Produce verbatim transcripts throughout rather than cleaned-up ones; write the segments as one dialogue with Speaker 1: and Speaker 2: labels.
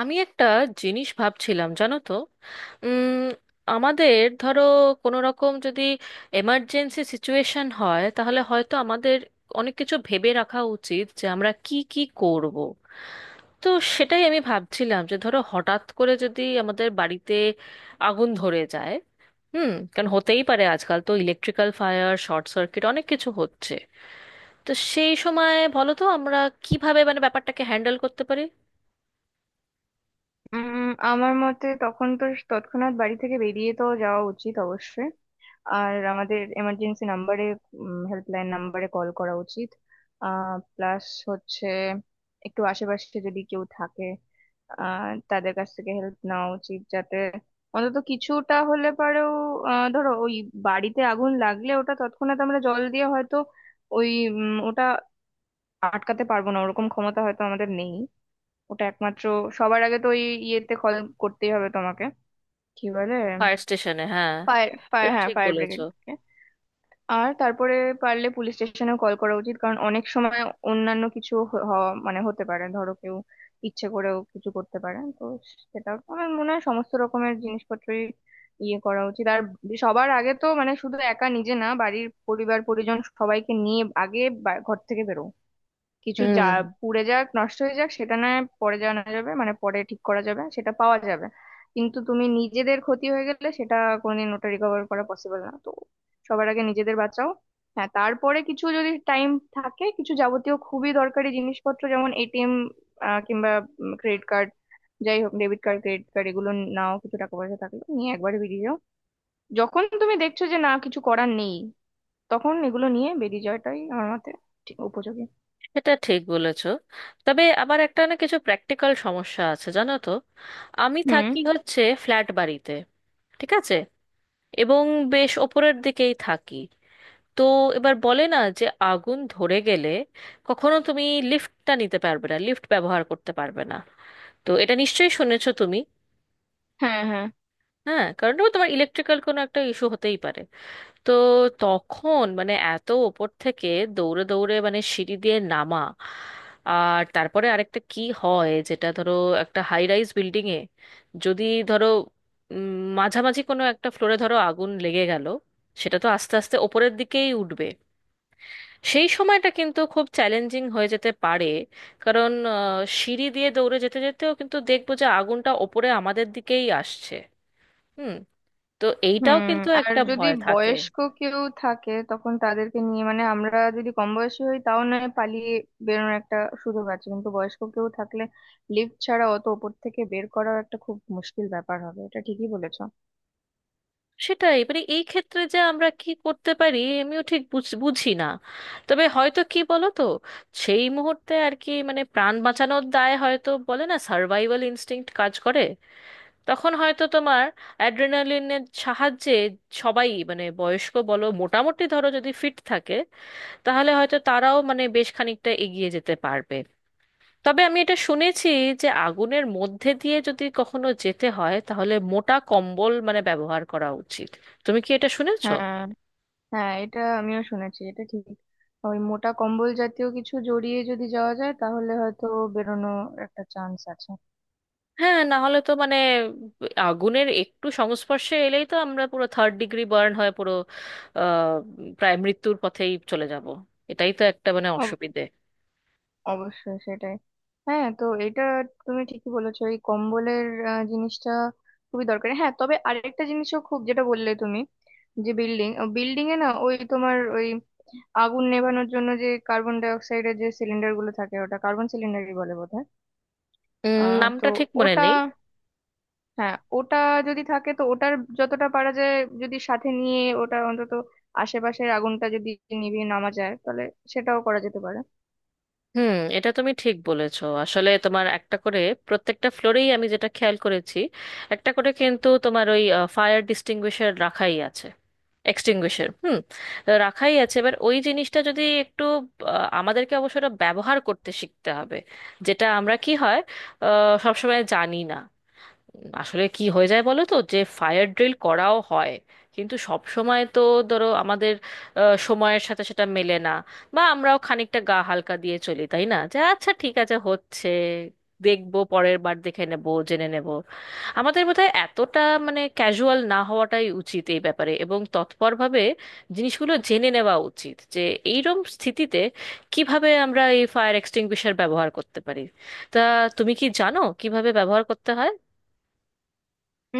Speaker 1: আমি একটা জিনিস ভাবছিলাম জানো তো। উম আমাদের ধরো, কোনো রকম যদি এমার্জেন্সি সিচুয়েশন হয়, তাহলে হয়তো আমাদের অনেক কিছু ভেবে রাখা উচিত যে আমরা কি কি করব। তো সেটাই আমি ভাবছিলাম যে ধরো হঠাৎ করে যদি আমাদের বাড়িতে আগুন ধরে যায়। হুম, কারণ হতেই পারে, আজকাল তো ইলেকট্রিক্যাল ফায়ার, শর্ট সার্কিট অনেক কিছু হচ্ছে। তো সেই সময় বলো তো আমরা কিভাবে মানে ব্যাপারটাকে হ্যান্ডেল করতে পারি।
Speaker 2: উম আমার মতে তখন তো তৎক্ষণাৎ বাড়ি থেকে বেরিয়ে তো যাওয়া উচিত অবশ্যই। আর আমাদের এমার্জেন্সি নাম্বারে হেল্পলাইন নাম্বারে কল করা উচিত। আহ প্লাস হচ্ছে একটু আশেপাশে যদি কেউ থাকে আহ তাদের কাছ থেকে হেল্প নেওয়া উচিত, যাতে অন্তত কিছুটা হলে পারেও। আহ ধরো ওই বাড়িতে আগুন লাগলে ওটা তৎক্ষণাৎ আমরা জল দিয়ে হয়তো ওই উম, ওটা আটকাতে পারবো না, ওরকম ক্ষমতা হয়তো আমাদের নেই। ওটা একমাত্র সবার আগে তো ওই ইয়েতে কল করতেই হবে তোমাকে, কি বলে,
Speaker 1: ফায়ার স্টেশনে, হ্যাঁ।
Speaker 2: ফায়ার ফায়ার
Speaker 1: এটা
Speaker 2: হ্যাঁ
Speaker 1: ঠিক
Speaker 2: ফায়ার
Speaker 1: বলেছো।
Speaker 2: ব্রিগেড। আর তারপরে পারলে পুলিশ স্টেশনে কল করা উচিত, কারণ অনেক সময় অন্যান্য কিছু হ- হওয়া মানে হতে পারে ধরো কেউ ইচ্ছে করেও কিছু করতে পারে তো। সেটা আমার মনে হয় সমস্ত রকমের জিনিসপত্রই ইয়ে করা উচিত। আর সবার আগে তো মানে শুধু একা নিজে না, বাড়ির পরিবার পরিজন সবাইকে নিয়ে আগে বা- ঘর থেকে বেরো। কিছু যা
Speaker 1: হুম,
Speaker 2: পুড়ে যাক নষ্ট হয়ে যাক সেটা না হয় পরে জানা যাবে, মানে পরে ঠিক করা যাবে, সেটা পাওয়া যাবে। কিন্তু তুমি নিজেদের ক্ষতি হয়ে গেলে সেটা কোনোদিন ওটা রিকভার করা পসিবল না তো। সবার আগে নিজেদের বাঁচাও। হ্যাঁ, তারপরে কিছু যদি টাইম থাকে, কিছু যাবতীয় খুবই দরকারি জিনিসপত্র যেমন এটিএম কিংবা ক্রেডিট কার্ড, যাই হোক ডেবিট কার্ড ক্রেডিট কার্ড এগুলো নাও, কিছু টাকা পয়সা থাকলে নিয়ে একবারে বেরিয়ে যাও। যখন তুমি দেখছো যে না কিছু করার নেই, তখন এগুলো নিয়ে বেরিয়ে যাওয়াটাই আমার মতে ঠিক উপযোগী।
Speaker 1: এটা ঠিক বলেছো। তবে আমার একটা না কিছু প্র্যাকটিক্যাল সমস্যা আছে জানো তো। আমি
Speaker 2: হুম।
Speaker 1: থাকি হচ্ছে ফ্ল্যাট বাড়িতে, ঠিক আছে, এবং বেশ ওপরের দিকেই থাকি। তো এবার বলে না যে আগুন ধরে গেলে কখনো তুমি লিফটটা নিতে পারবে না, লিফট ব্যবহার করতে পারবে না। তো এটা নিশ্চয়ই শুনেছো তুমি।
Speaker 2: হ্যাঁ হ্যাঁ।
Speaker 1: হ্যাঁ, কারণ ও তোমার ইলেকট্রিক্যাল কোনো একটা ইস্যু হতেই পারে। তো তখন মানে এত ওপর থেকে দৌড়ে দৌড়ে মানে সিঁড়ি দিয়ে নামা। আর তারপরে আরেকটা কি হয় যেটা ধরো, একটা হাই রাইজ বিল্ডিং এ যদি ধরো উম, মাঝামাঝি কোনো একটা ফ্লোরে ধরো আগুন লেগে গেল, সেটা তো আস্তে আস্তে ওপরের দিকেই উঠবে। সেই সময়টা কিন্তু খুব চ্যালেঞ্জিং হয়ে যেতে পারে। কারণ আহ, সিঁড়ি দিয়ে দৌড়ে যেতে যেতেও কিন্তু দেখবো যে আগুনটা ওপরে আমাদের দিকেই আসছে। হুম, তো এইটাও
Speaker 2: হুম।
Speaker 1: কিন্তু
Speaker 2: আর
Speaker 1: একটা
Speaker 2: যদি
Speaker 1: ভয় থাকে।
Speaker 2: বয়স্ক কেউ থাকে তখন তাদেরকে নিয়ে মানে আমরা যদি কম বয়সী হই তাও নয় পালিয়ে বেরোনোর একটা সুযোগ আছে, কিন্তু বয়স্ক কেউ থাকলে লিফট ছাড়া অত ওপর থেকে বের করাও একটা খুব মুশকিল ব্যাপার হবে, এটা ঠিকই বলেছো।
Speaker 1: সেটাই মানে এই ক্ষেত্রে যে আমরা কি করতে পারি আমিও ঠিক বুঝ- বুঝি না। তবে হয়তো কি বলো তো, সেই মুহূর্তে আর কি মানে প্রাণ বাঁচানোর দায় হয়তো, বলে না, সার্ভাইভাল ইনস্টিংক্ট কাজ করে। তখন হয়তো তোমার অ্যাড্রেনালিনের সাহায্যে সবাই মানে বয়স্ক বলো, মোটামুটি ধরো যদি ফিট থাকে তাহলে হয়তো তারাও মানে বেশ খানিকটা এগিয়ে যেতে পারবে। তবে আমি এটা শুনেছি যে আগুনের মধ্যে দিয়ে যদি কখনো যেতে হয়, তাহলে মোটা কম্বল মানে ব্যবহার করা উচিত। তুমি কি এটা শুনেছো?
Speaker 2: হ্যাঁ। হ্যাঁ এটা আমিও শুনেছি, এটা ঠিক। ওই মোটা কম্বল জাতীয় কিছু জড়িয়ে যদি যাওয়া যায় তাহলে হয়তো বেরোনো একটা চান্স আছে।
Speaker 1: হ্যাঁ, না হলে তো মানে আগুনের একটু সংস্পর্শে এলেই তো আমরা পুরো থার্ড ডিগ্রি বার্ন হয়ে পুরো আহ, প্রায় মৃত্যুর পথেই চলে যাব। এটাই তো একটা মানে অসুবিধে।
Speaker 2: অবশ্যই সেটাই। হ্যাঁ তো এটা তুমি ঠিকই বলেছো, এই কম্বলের আহ, জিনিসটা খুবই দরকারি। হ্যাঁ তবে আরেকটা জিনিসও খুব যেটা বললে তুমি, যে বিল্ডিং বিল্ডিং এ না ওই তোমার ওই আগুন নেভানোর জন্য যে কার্বন ডাই অক্সাইডের যে সিলিন্ডার গুলো থাকে, ওটা কার্বন সিলিন্ডারই বলে বোধহয়।
Speaker 1: উম,
Speaker 2: আহ
Speaker 1: নামটা
Speaker 2: তো
Speaker 1: ঠিক মনে
Speaker 2: ওটা,
Speaker 1: নেই।
Speaker 2: হ্যাঁ ওটা যদি থাকে তো ওটার যতটা পারা যায় যদি সাথে নিয়ে ওটা অন্তত আশেপাশের আগুনটা যদি নিভিয়ে নামা যায় তাহলে সেটাও করা যেতে পারে।
Speaker 1: হুম, এটা তুমি ঠিক বলেছো, আসলে তোমার একটা করে প্রত্যেকটা ফ্লোরেই আমি যেটা খেয়াল করেছি, একটা করে কিন্তু তোমার ওই ফায়ার ডিস্টিংগুইশার রাখাই আছে। এক্সটিংগুইশার, হুম, রাখাই আছে। এবার ওই জিনিসটা যদি একটু আহ, আমাদেরকে অবশ্য এটা ব্যবহার করতে শিখতে হবে, যেটা আমরা কি হয় আহ, সবসময় জানি না। আসলে কি হয়ে যায় বলো তো যে ফায়ার ড্রিল করাও হয়, কিন্তু সব সময় তো ধরো আমাদের আহ, সময়ের সাথে সেটা মেলে না। বা আমরাও খানিকটা গা হালকা দিয়ে চলি, তাই না, যে আচ্ছা ঠিক আছে, হচ্ছে, দেখবো, পরের বার দেখে নেব, জেনে নেব। আমাদের বোধহয় এতটা মানে ক্যাজুয়াল না হওয়াটাই উচিত এই ব্যাপারে, এবং তৎপরভাবে জিনিসগুলো জেনে নেওয়া উচিত যে এইরকম স্থিতিতে কিভাবে আমরা এই ফায়ার এক্সটিংগুইশার ব্যবহার করতে পারি। তা তুমি কি জানো কিভাবে ব্যবহার করতে হয়?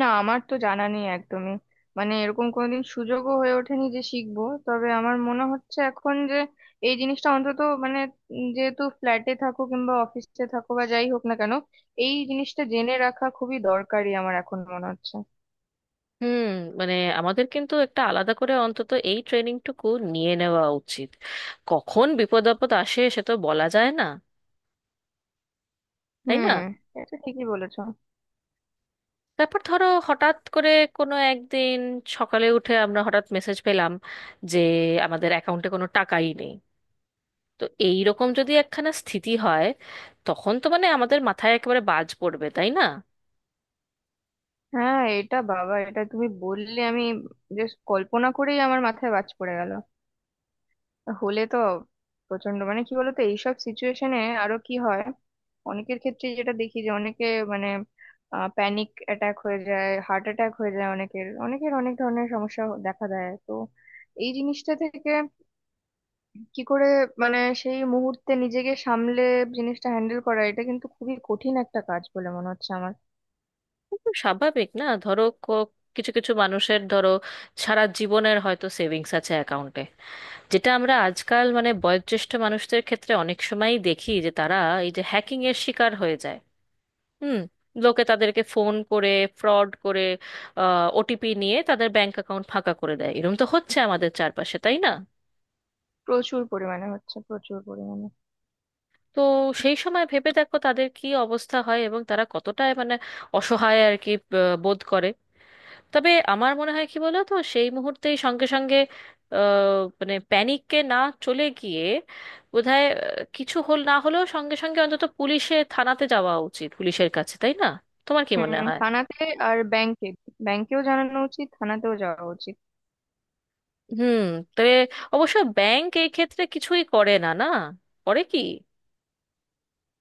Speaker 2: না, আমার তো জানা নেই একদমই, মানে এরকম কোনোদিন সুযোগও হয়ে ওঠেনি যে শিখবো। তবে আমার মনে হচ্ছে এখন যে এই জিনিসটা অন্তত মানে উম যেহেতু ফ্ল্যাটে থাকো কিংবা অফিসে থাকো বা যাই হোক না কেন, এই জিনিসটা জেনে রাখা খুবই দরকারি আমার এখন মনে হচ্ছে।
Speaker 1: হুম, মানে আমাদের কিন্তু একটা আলাদা করে অন্তত এই ট্রেনিংটুকু নিয়ে নেওয়া উচিত। কখন বিপদ আপদ আসে সে তো বলা যায় না, তাই না?
Speaker 2: হুম। এটা ঠিকই বলেছো।
Speaker 1: তারপর ধরো হঠাৎ করে কোনো একদিন সকালে উঠে আমরা হঠাৎ মেসেজ পেলাম যে আমাদের অ্যাকাউন্টে কোনো টাকাই নেই। তো এই রকম যদি একখানা স্থিতি হয়, তখন তো মানে আমাদের মাথায় একেবারে বাজ পড়বে, তাই না?
Speaker 2: হ্যাঁ এটা বাবা, এটা তুমি বললে আমি জাস্ট কল্পনা করেই আমার মাথায় বাজ পড়ে গেল। হলে তো প্রচন্ড মানে কি বলতো, এইসব সিচুয়েশনে আরো কি হয়, অনেকের ক্ষেত্রে যেটা দেখি যে অনেকে মানে প্যানিক অ্যাটাক হয়ে যায়, হার্ট অ্যাটাক হয়ে যায়, অনেকের অনেকের অনেক ধরনের সমস্যা হ- দেখা দেয় তো এই জিনিসটা থেকে। কি করে মানে সেই মুহূর্তে নিজেকে সামলে জিনিসটা হ্যান্ডেল করা, এটা কিন্তু খুবই কঠিন একটা কাজ বলে মনে হচ্ছে আমার।
Speaker 1: একদম স্বাভাবিক না, ধরো ক- কিছু কিছু মানুষের ধরো সারা জীবনের হয়তো সেভিংস আছে অ্যাকাউন্টে, যেটা আমরা আজকাল মানে বয়োজ্যেষ্ঠ মানুষদের ক্ষেত্রে অনেক সময়ই দেখি যে তারা এই যে হ্যাকিং এর শিকার হয়ে যায়। হুম, লোকে তাদেরকে ফোন করে, ফ্রড করে, ওটিপি নিয়ে তাদের ব্যাংক অ্যাকাউন্ট ফাঁকা করে দেয়, এরকম তো হচ্ছে আমাদের চারপাশে, তাই না?
Speaker 2: প্রচুর পরিমাণে হচ্ছে, প্রচুর পরিমাণে।
Speaker 1: তো সেই সময় ভেবে দেখো তাদের কি অবস্থা হয়, এবং তারা কতটা মানে অসহায় আর কি আহ, বোধ করে। তবে আমার মনে হয় কি বলো তো, সেই মুহূর্তেই সঙ্গে সঙ্গে আহ, মানে প্যানিককে না চলে গিয়ে বোধহয় আহ, কিছু হল না হলেও সঙ্গে সঙ্গে অন্তত পুলিশে, থানাতে যাওয়া উচিত, পুলিশের কাছে, তাই না? তোমার কি
Speaker 2: হুম,
Speaker 1: মনে হয়?
Speaker 2: থানাতে আর ব্যাংকে, ব্যাংকেও জানানো উচিত থানাতেও যাওয়া উচিত।
Speaker 1: হুম, তবে অবশ্য ব্যাংক এই ক্ষেত্রে কিছুই করে না, না করে কি?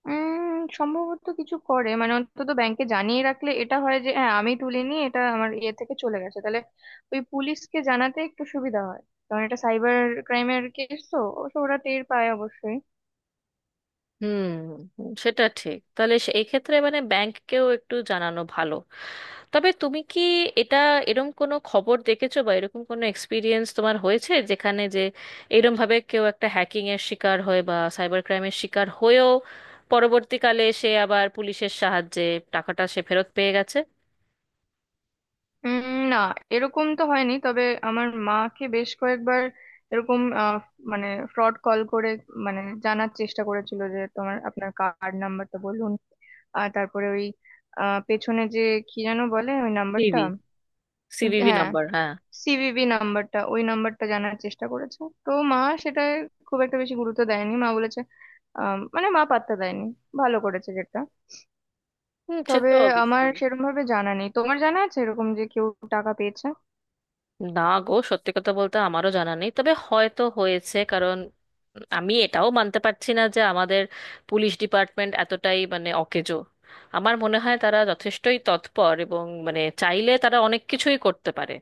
Speaker 2: উম সম্ভবত কিছু করে, মানে অন্তত ব্যাংকে জানিয়ে রাখলে এটা হয় যে হ্যাঁ আমি তুলিনি, এটা আমার ইয়ে থেকে চলে গেছে, তাহলে ওই পুলিশকে জানাতে একটু সুবিধা হয়, কারণ এটা সাইবার ক্রাইমের কেস তো অবশ্য ওরা টের পায় অবশ্যই।
Speaker 1: হুম, সেটা ঠিক, তাহলে সে- এই ক্ষেত্রে মানে ব্যাংককেও একটু জানানো ভালো। তবে তুমি কি এটা এরম কোনো খবর দেখেছো, বা এরকম কোনো এক্সপিরিয়েন্স তোমার হয়েছে যেখানে যে এরম ভাবে কেউ একটা হ্যাকিং এর শিকার হয়ে বা সাইবার ক্রাইমের শিকার হয়েও পরবর্তীকালে সে আবার পুলিশের সাহায্যে টাকাটা সে ফেরত পেয়ে গেছে?
Speaker 2: উম না, এরকম তো হয়নি। তবে আমার মাকে বেশ কয়েকবার এরকম আহ, মানে ফ্রড কল করে মানে জানার চেষ্টা করেছিল যে তোমার আপনার কার্ড নাম্বারটা বলুন। আর তারপরে ওই আহ, পেছনে যে কি যেন বলে ওই নাম্বারটা।
Speaker 1: সিবি, সিভিভি
Speaker 2: হ্যাঁ,
Speaker 1: নাম্বার, হ্যাঁ।
Speaker 2: সিভিভি নাম্বারটা, ওই নাম্বারটা জানার চেষ্টা করেছে। তো মা সেটা খুব একটা বেশি গুরুত্ব দেয়নি, মা বলেছে, আম, মানে মা পাত্তা দেয়নি, ভালো করেছে যেটা।
Speaker 1: হুম, সে
Speaker 2: তবে
Speaker 1: তো
Speaker 2: আমার
Speaker 1: অবশ্যই।
Speaker 2: সেরকম ভাবে জানা নেই, তোমার জানা আছে এরকম যে কেউ টাকা পেয়েছে?
Speaker 1: না গো, সত্যি কথা বলতে আমারও জানা নেই, তবে হয়তো হয়েছে। কারণ আমি এটাও মানতে পারছি না যে আমাদের পুলিশ ডিপার্টমেন্ট এতটাই মানে অকেজো। আমার মনে হয় তারা যথেষ্টই তৎপর, এবং মানে চাইলে তারা অনেক কিছুই করতে পারে।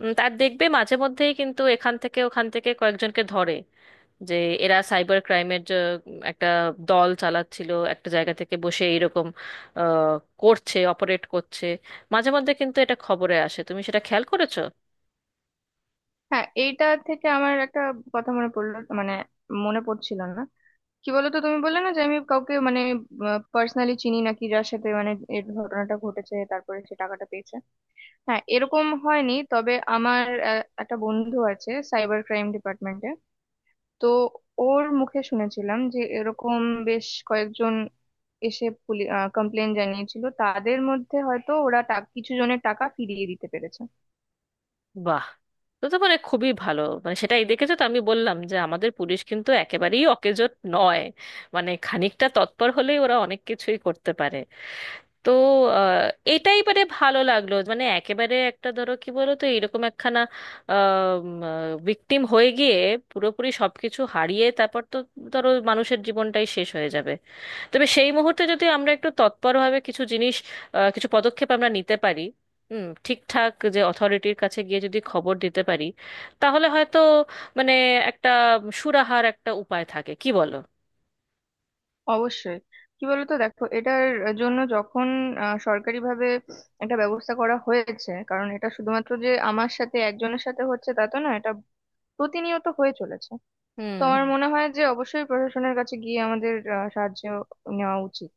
Speaker 1: উম, তার দেখবে মাঝে মধ্যেই কিন্তু এখান থেকে ওখান থেকে কয়েকজনকে ধরে যে এরা সাইবার ক্রাইমের যে উম, একটা দল চালাচ্ছিল একটা জায়গা থেকে বসে, এইরকম আহ, করছে, অপারেট করছে। মাঝে মধ্যে কিন্তু এটা খবরে আসে, তুমি সেটা খেয়াল করেছো?
Speaker 2: হ্যাঁ, এইটা থেকে আমার একটা কথা মনে পড়লো, মানে মনে পড়ছিল না। কি বলতো, তুমি বললে না যে আমি কাউকে মানে পার্সোনালি চিনি নাকি যার সাথে মানে এই ঘটনাটা ঘটেছে তারপরে সে টাকাটা পেয়েছে। হ্যাঁ এরকম হয়নি, তবে আমার আহ, একটা বন্ধু আছে সাইবার ক্রাইম ডিপার্টমেন্টে, তো ওর মুখে শুনেছিলাম যে এরকম বেশ কয়েকজন এসে কমপ্লেন জানিয়েছিল, তাদের মধ্যে হয়তো ওরা টা- কিছু জনের টাকা ফিরিয়ে দিতে পেরেছে।
Speaker 1: বাহ, তো তো মানে খুবই ভালো, মানে সেটাই দেখেছো, তো আমি বললাম যে আমাদের পুলিশ কিন্তু একেবারেই অকেজো নয়। মানে খানিকটা তৎপর হলেই ওরা অনেক কিছুই করতে পারে। তো আহ, এটাই মানে ভালো লাগলো, মানে একেবারে একটা ধরো কি বলো তো, এরকম একখানা ভিকটিম হয়ে গিয়ে পুরোপুরি সবকিছু হারিয়ে তারপর তো ধরো মানুষের জীবনটাই শেষ হয়ে যাবে। তবে সেই মুহূর্তে যদি আমরা একটু তৎপরভাবে কিছু জিনিস আহ, কিছু পদক্ষেপ আমরা নিতে পারি, হুম, ঠিকঠাক যে অথরিটির কাছে গিয়ে যদি খবর দিতে পারি, তাহলে হয়তো মানে একটা সুরাহার একটা উপায় থাকে, কি বলো?
Speaker 2: অবশ্যই। কি বলতো দেখো, এটার জন্য যখন আহ, সরকারিভাবে একটা ব্যবস্থা করা হয়েছে, কারণ এটা শুধুমাত্র যে আমার সাথে একজনের সাথে হচ্ছে তা তো না, এটা প্রতিনিয়ত হয়ে চলেছে। তো
Speaker 1: হুম।
Speaker 2: আমার মনে হয় যে অবশ্যই প্রশাসনের কাছে গিয়ে আমাদের আহ, সাহায্য নেওয়া উচিত।